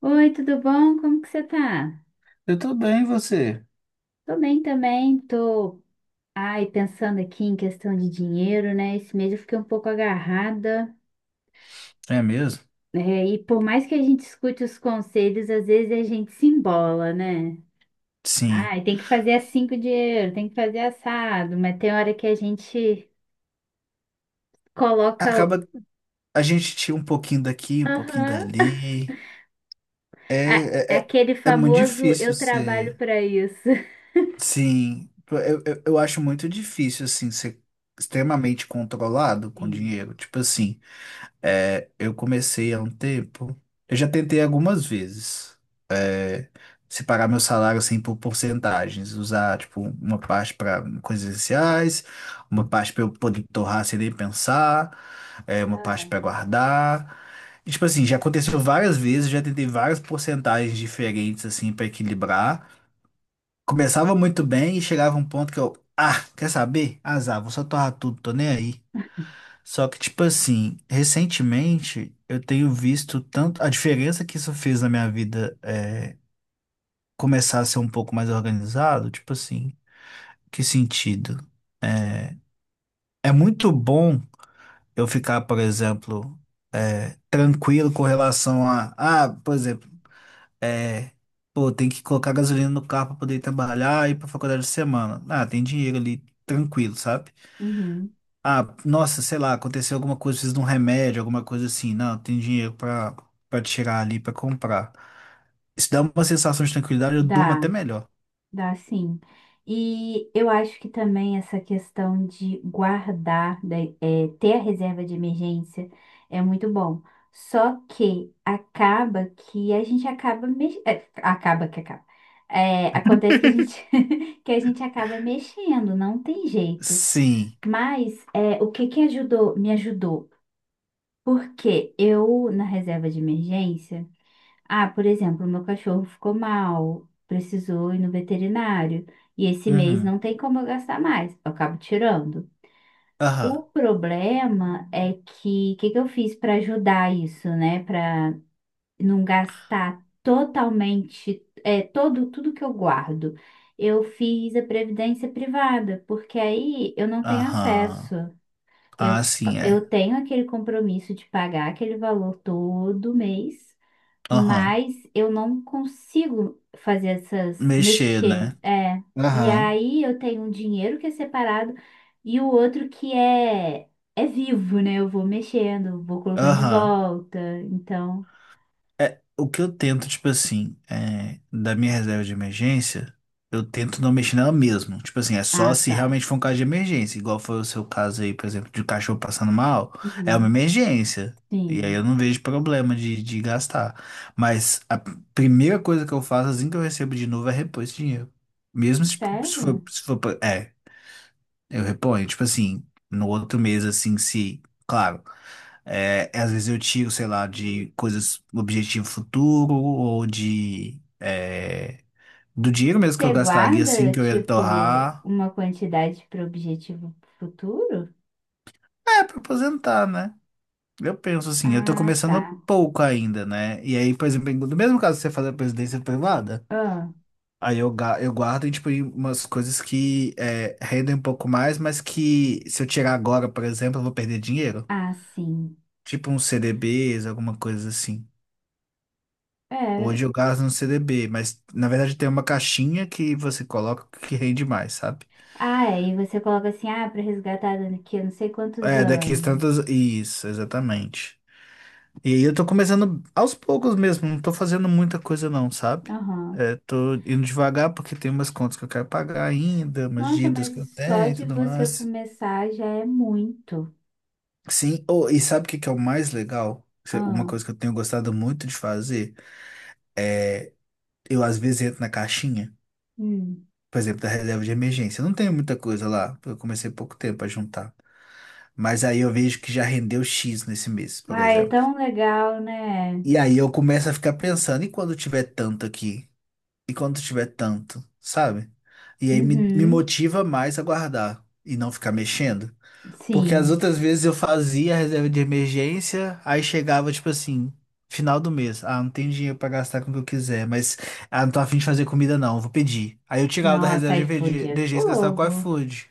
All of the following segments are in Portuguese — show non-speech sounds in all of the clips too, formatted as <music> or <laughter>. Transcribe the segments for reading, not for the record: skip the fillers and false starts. Oi, tudo bom? Como que você tá? Eu tô bem, e você? Tô bem também, tô, ai, pensando aqui em questão de dinheiro, né? Esse mês eu fiquei um pouco agarrada, É mesmo? né? E por mais que a gente escute os conselhos, às vezes a gente se embola, né? Sim. Ai, tem que fazer assim com o dinheiro, tem que fazer assado, mas tem hora que a gente coloca o- Acaba a gente tira um pouquinho daqui, um pouquinho Aham. dali. a- É, é, é, aquele é muito famoso difícil eu trabalho ser. pra isso. <laughs> Sim. Eu acho muito difícil, assim, ser extremamente controlado com Sim. dinheiro. Tipo assim, eu comecei há um tempo. Eu já tentei algumas vezes separar meu salário assim por porcentagens, usar tipo uma parte para coisas essenciais, uma parte para eu poder torrar sem nem pensar, uma parte Ah, para guardar. E, tipo assim, já aconteceu várias vezes, já tentei várias porcentagens diferentes assim para equilibrar. Começava muito bem e chegava um ponto que eu, ah, quer saber? Azar, vou só torrar tudo, tô nem aí. Só que, tipo assim, recentemente eu tenho visto tanto a diferença que isso fez na minha vida, começar a ser um pouco mais organizado? Tipo assim, que sentido? É muito bom eu ficar, por exemplo, tranquilo com relação a, ah, por exemplo, é, pô, tem que colocar gasolina no carro para poder ir trabalhar e ir para faculdade de semana. Ah, tem dinheiro ali, tranquilo, sabe? uhum. Ah, nossa, sei lá, aconteceu alguma coisa, preciso de um remédio, alguma coisa assim. Não, tem dinheiro para tirar ali, para comprar. Isso dá uma sensação de tranquilidade, eu durmo Dá. até melhor. Dá sim. E eu acho que também essa questão de guardar, ter a reserva de emergência é muito bom. Só que acaba que a gente acaba acaba que acaba. É, acontece que a gente <laughs> que a gente acaba mexendo, não tem jeito. Sim. Mas é, o que que ajudou, me ajudou? Porque eu na reserva de emergência, ah, por exemplo, meu cachorro ficou mal, precisou ir no veterinário, e esse mês Uhum. não tem como eu gastar mais, eu acabo tirando. O Aham. problema é que o que que eu fiz para ajudar isso, né? Para não gastar totalmente, é, todo, tudo que eu guardo. Eu fiz a previdência privada, porque aí eu não tenho acesso. Aham. Ah, Eu, sim, é. eu tenho aquele compromisso de pagar aquele valor todo mês. Aham. Mas eu não consigo fazer essas, Mexer, mexer. né? É. E Aham. aí eu tenho um dinheiro que é separado e o outro que é, é vivo, né? Eu vou mexendo, vou colocando de Aham. volta. Então. É, o que eu tento, tipo assim, da minha reserva de emergência, eu tento não mexer nela mesmo. Tipo assim, é só Ah, se tá. realmente for um caso de emergência. Igual foi o seu caso aí, por exemplo, de cachorro passando mal. É uma Uhum. emergência. E aí eu Sim. não vejo problema de gastar. Mas a primeira coisa que eu faço assim que eu recebo de novo é repor esse dinheiro. Mesmo se, Sério? É, eu reponho, tipo assim, no outro mês, assim, se, claro, às vezes eu tiro, sei lá, de coisas, objetivo futuro, ou de, do dinheiro mesmo que eu Você gastaria, assim, guarda, que eu ia tipo, torrar, uma quantidade para o objetivo futuro? Pra aposentar, né? Eu penso assim, eu tô Ah, tá. começando pouco ainda, né? E aí, por exemplo, no mesmo caso que você faz a presidência privada, Ah, aí eu, eu guardo, tipo, em umas coisas que rendem um pouco mais, mas que se eu tirar agora, por exemplo, eu vou perder dinheiro. ah, sim. Tipo uns CDBs, alguma coisa assim. É. Hoje eu gasto no CDB, mas na verdade tem uma caixinha que você coloca que rende mais, sabe? Ah, é, e você coloca assim, ah, para resgatar daqui a não sei quantos É, daqui a tantas. anos. Isso, exatamente. E aí eu tô começando aos poucos mesmo, não tô fazendo muita coisa não, sabe? Aham. Tô indo devagar porque tem umas contas que eu quero pagar ainda, umas Nossa, dívidas que eu mas só tenho e de tudo você mais. começar já é muito. Sim, oh, e sabe o que que é o mais legal? Uma Ah, coisa que eu tenho gostado muito de fazer, eu às vezes entro na caixinha, hum. por exemplo, da reserva de emergência. Não tenho muita coisa lá, porque eu comecei há pouco tempo a juntar. Mas aí eu vejo que já rendeu X nesse mês, por Ah, é exemplo. tão legal, né? E aí eu começo a ficar pensando, e quando tiver tanto aqui? E quando tiver tanto, sabe? E aí me Uhum. motiva mais a guardar e não ficar mexendo. Porque as Sim. outras vezes eu fazia a reserva de emergência, aí chegava, tipo assim, final do mês. Ah, não tem dinheiro pra gastar com o que eu quiser, mas ah, não tô afim de fazer comida não, vou pedir. Aí eu tirava da Nossa, reserva de iFood é emergência e gastava com o fogo. iFood.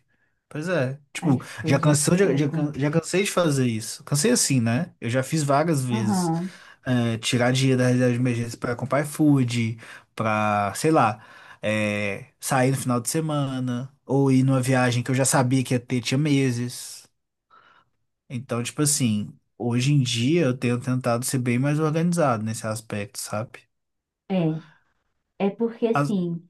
Pois é, tipo, iFood é fogo. Já cansei de fazer isso. Cansei assim, né? Eu já fiz várias vezes. Aham. É, tirar dinheiro da reserva de emergência pra comprar iFood, pra, sei lá, sair no final de semana, ou ir numa viagem que eu já sabia que ia ter, tinha meses. Então, tipo assim, hoje em dia eu tenho tentado ser bem mais organizado nesse aspecto, sabe? É. É porque As- assim,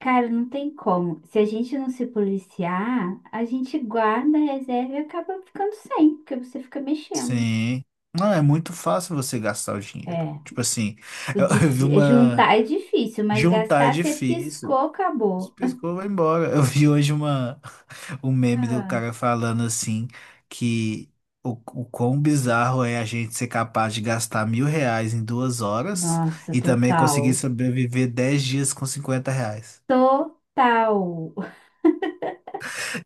cara, não tem como. Se a gente não se policiar, a gente guarda a reserva e acaba ficando sem, porque você fica mexendo. Sim. Não, é muito fácil você gastar o dinheiro. É. Tipo assim, O eu, <laughs> eu vi uma. juntar é difícil, mas Juntar é gastar você difícil. piscou, acabou. Piscou, vai embora. Eu vi hoje um meme do Ah, cara falando assim que o quão bizarro é a gente ser capaz de gastar 1.000 reais em 2 horas nossa, e também conseguir total. sobreviver 10 dias com 50 reais. Total.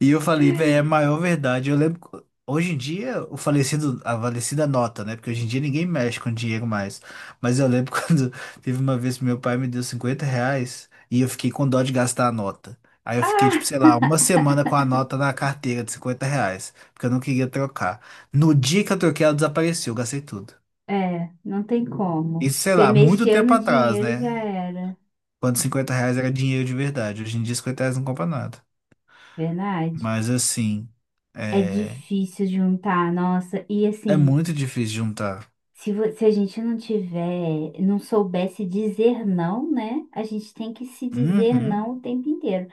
E eu falei, velho, é a <laughs> maior verdade. Eu lembro. Que Hoje em dia, o falecido, a falecida nota, né? Porque hoje em dia ninguém mexe com dinheiro mais. Mas eu lembro <laughs> quando teve uma vez que meu pai me deu 50 reais e eu fiquei com dó de gastar a nota. Aí eu fiquei, tipo, Ah, sei lá, uma semana com a nota na carteira de 50 reais, porque eu não queria trocar. No dia que eu troquei, ela desapareceu, eu gastei tudo. é, não tem como. Isso, sei Você lá, muito mexeu tempo no atrás, dinheiro já né? era. Quando 50 reais era dinheiro de verdade. Hoje em dia, 50 reais não compra nada. Verdade. Mas assim, É é, difícil juntar, nossa. E é assim, muito difícil juntar. Se a gente não tiver, não soubesse dizer não, né? A gente tem que se dizer Uhum. não o tempo inteiro.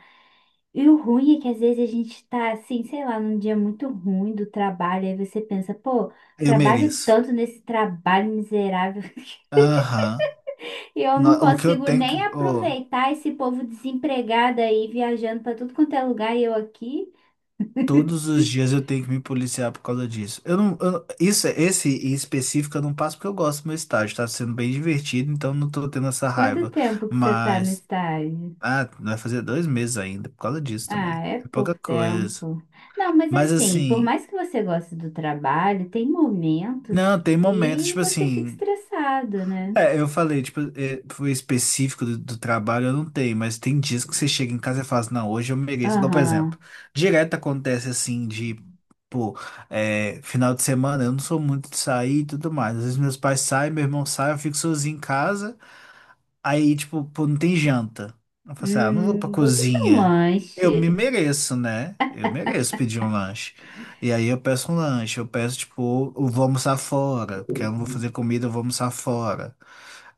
E o ruim é que às vezes a gente tá assim, sei lá, num dia muito ruim do trabalho, aí você pensa, pô, Eu trabalho mereço. tanto nesse trabalho miserável <laughs> Aham. e eu não O que eu consigo tenho que. nem Ô, aproveitar esse povo desempregado aí viajando pra tudo quanto é lugar e eu aqui. todos os dias eu tenho que me policiar por causa disso. Eu não. eu- Isso, esse em específico eu não passo porque eu gosto do meu estágio. Tá sendo bem divertido, então não tô tendo essa Quanto raiva. tempo que você tá no Mas, estágio? ah, vai fazer 2 meses ainda por causa disso Ah, também. é É pouca pouco coisa. tempo. Não, mas Mas assim, por assim, mais que você goste do trabalho, tem momentos não, tem momentos, que tipo você fica assim. estressado, né? É, eu falei, tipo, foi específico do trabalho, eu não tenho, mas tem dias que você chega em casa e fala assim, não, hoje eu mereço. Igual, por exemplo, Aham. direto acontece assim de, pô, final de semana, eu não sou muito de sair e tudo mais. Às vezes meus pais saem, meu irmão sai, eu fico sozinho em casa, aí, tipo, pô, não tem janta. Eu falo assim, ah, não vou pra Vou pedir um cozinha. Eu me lanche. mereço, né? Eu mereço pedir um lanche. E aí eu peço um lanche, eu peço, tipo, eu vou almoçar fora, porque eu não vou fazer comida, eu vou almoçar fora.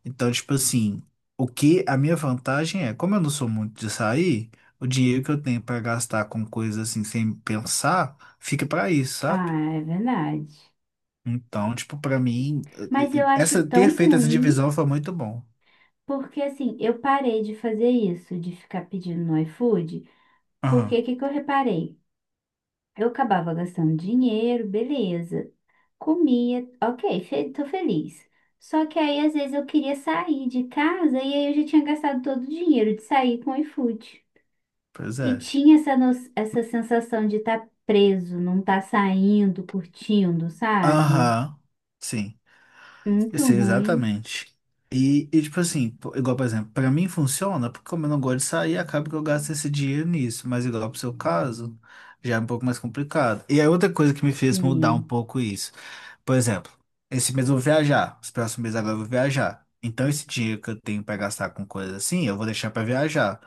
Então, tipo assim, o que a minha vantagem é, como eu não sou muito de sair, o dinheiro que eu tenho pra gastar com coisas assim sem pensar, fica pra isso, sabe? Ah, é verdade. Então, tipo, pra mim, Mas eu acho essa ter tão feito essa ruim, divisão foi muito bom. porque assim, eu parei de fazer isso, de ficar pedindo no iFood, porque Aham, o que que eu reparei? Eu acabava gastando dinheiro, beleza. Comia, ok, fe tô feliz. Só que aí, às vezes, eu queria sair de casa e aí eu já tinha gastado todo o dinheiro de sair com o iFood. pois E é. tinha essa, essa sensação de estar preso, não estar saindo, curtindo, sabe? Aham, sim, eu Muito sei ruim, exatamente. E tipo assim, pô, igual, por exemplo, pra mim funciona, porque como eu não gosto de sair, acaba que eu gasto esse dinheiro nisso, mas igual pro seu caso, já é um pouco mais complicado. E aí outra coisa que me fez mudar um sim. pouco isso. Por exemplo, esse mês eu vou viajar, os próximos meses agora eu vou viajar. Então, esse dinheiro que eu tenho para gastar com coisas assim, eu vou deixar para viajar.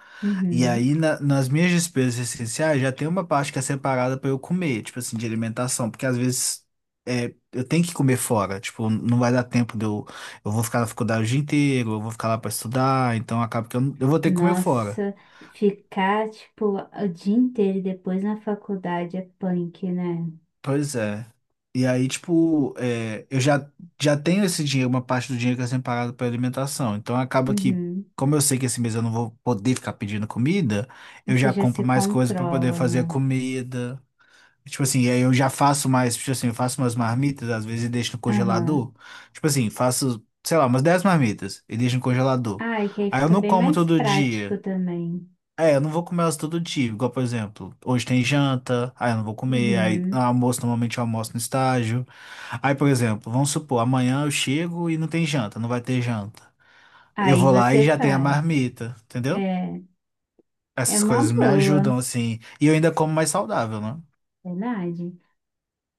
E aí, Uhum. Nas minhas despesas essenciais, já tem uma parte que é separada para eu comer, tipo assim, de alimentação, porque às vezes eu tenho que comer fora, tipo, não vai dar tempo de eu. Eu vou ficar na faculdade o dia inteiro, eu vou ficar lá para estudar, então acaba que eu, não- eu vou ter que comer fora. Nossa, ficar, tipo, o dia inteiro e depois na faculdade é punk, né? Pois é. E aí, tipo, já tenho esse dinheiro, uma parte do dinheiro que é separado para alimentação. Então acaba que, Uhum. como eu sei que esse mês eu não vou poder ficar pedindo comida, eu Você já já compro se mais coisas para poder controla, fazer a né? comida. Tipo assim, e aí eu já faço mais, tipo assim, eu faço umas marmitas, às vezes e deixo no Aham. congelador. Tipo assim, faço, sei lá, umas 10 marmitas e deixo no congelador. Ah, e que aí Aí eu fica não bem como mais todo prático dia. também. É, eu não vou comer elas todo dia. Igual, por exemplo, hoje tem janta, aí eu não vou comer, aí no Uhum. almoço, normalmente eu almoço no estágio. Aí, por exemplo, vamos supor, amanhã eu chego e não tem janta, não vai ter janta. Eu Aí vou lá e você já tem a faz. marmita, entendeu? É, é Essas uma coisas me boa, ajudam, assim. E eu ainda como mais saudável, né? verdade.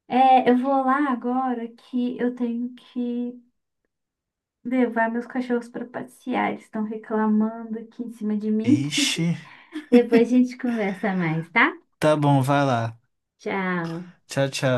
É, eu vou lá agora que eu tenho que levar meus cachorros para passear. Eles estão reclamando aqui em cima de mim. Ixi, Depois a gente conversa mais, tá? tá bom, vai lá. Tchau. Tchau, tchau.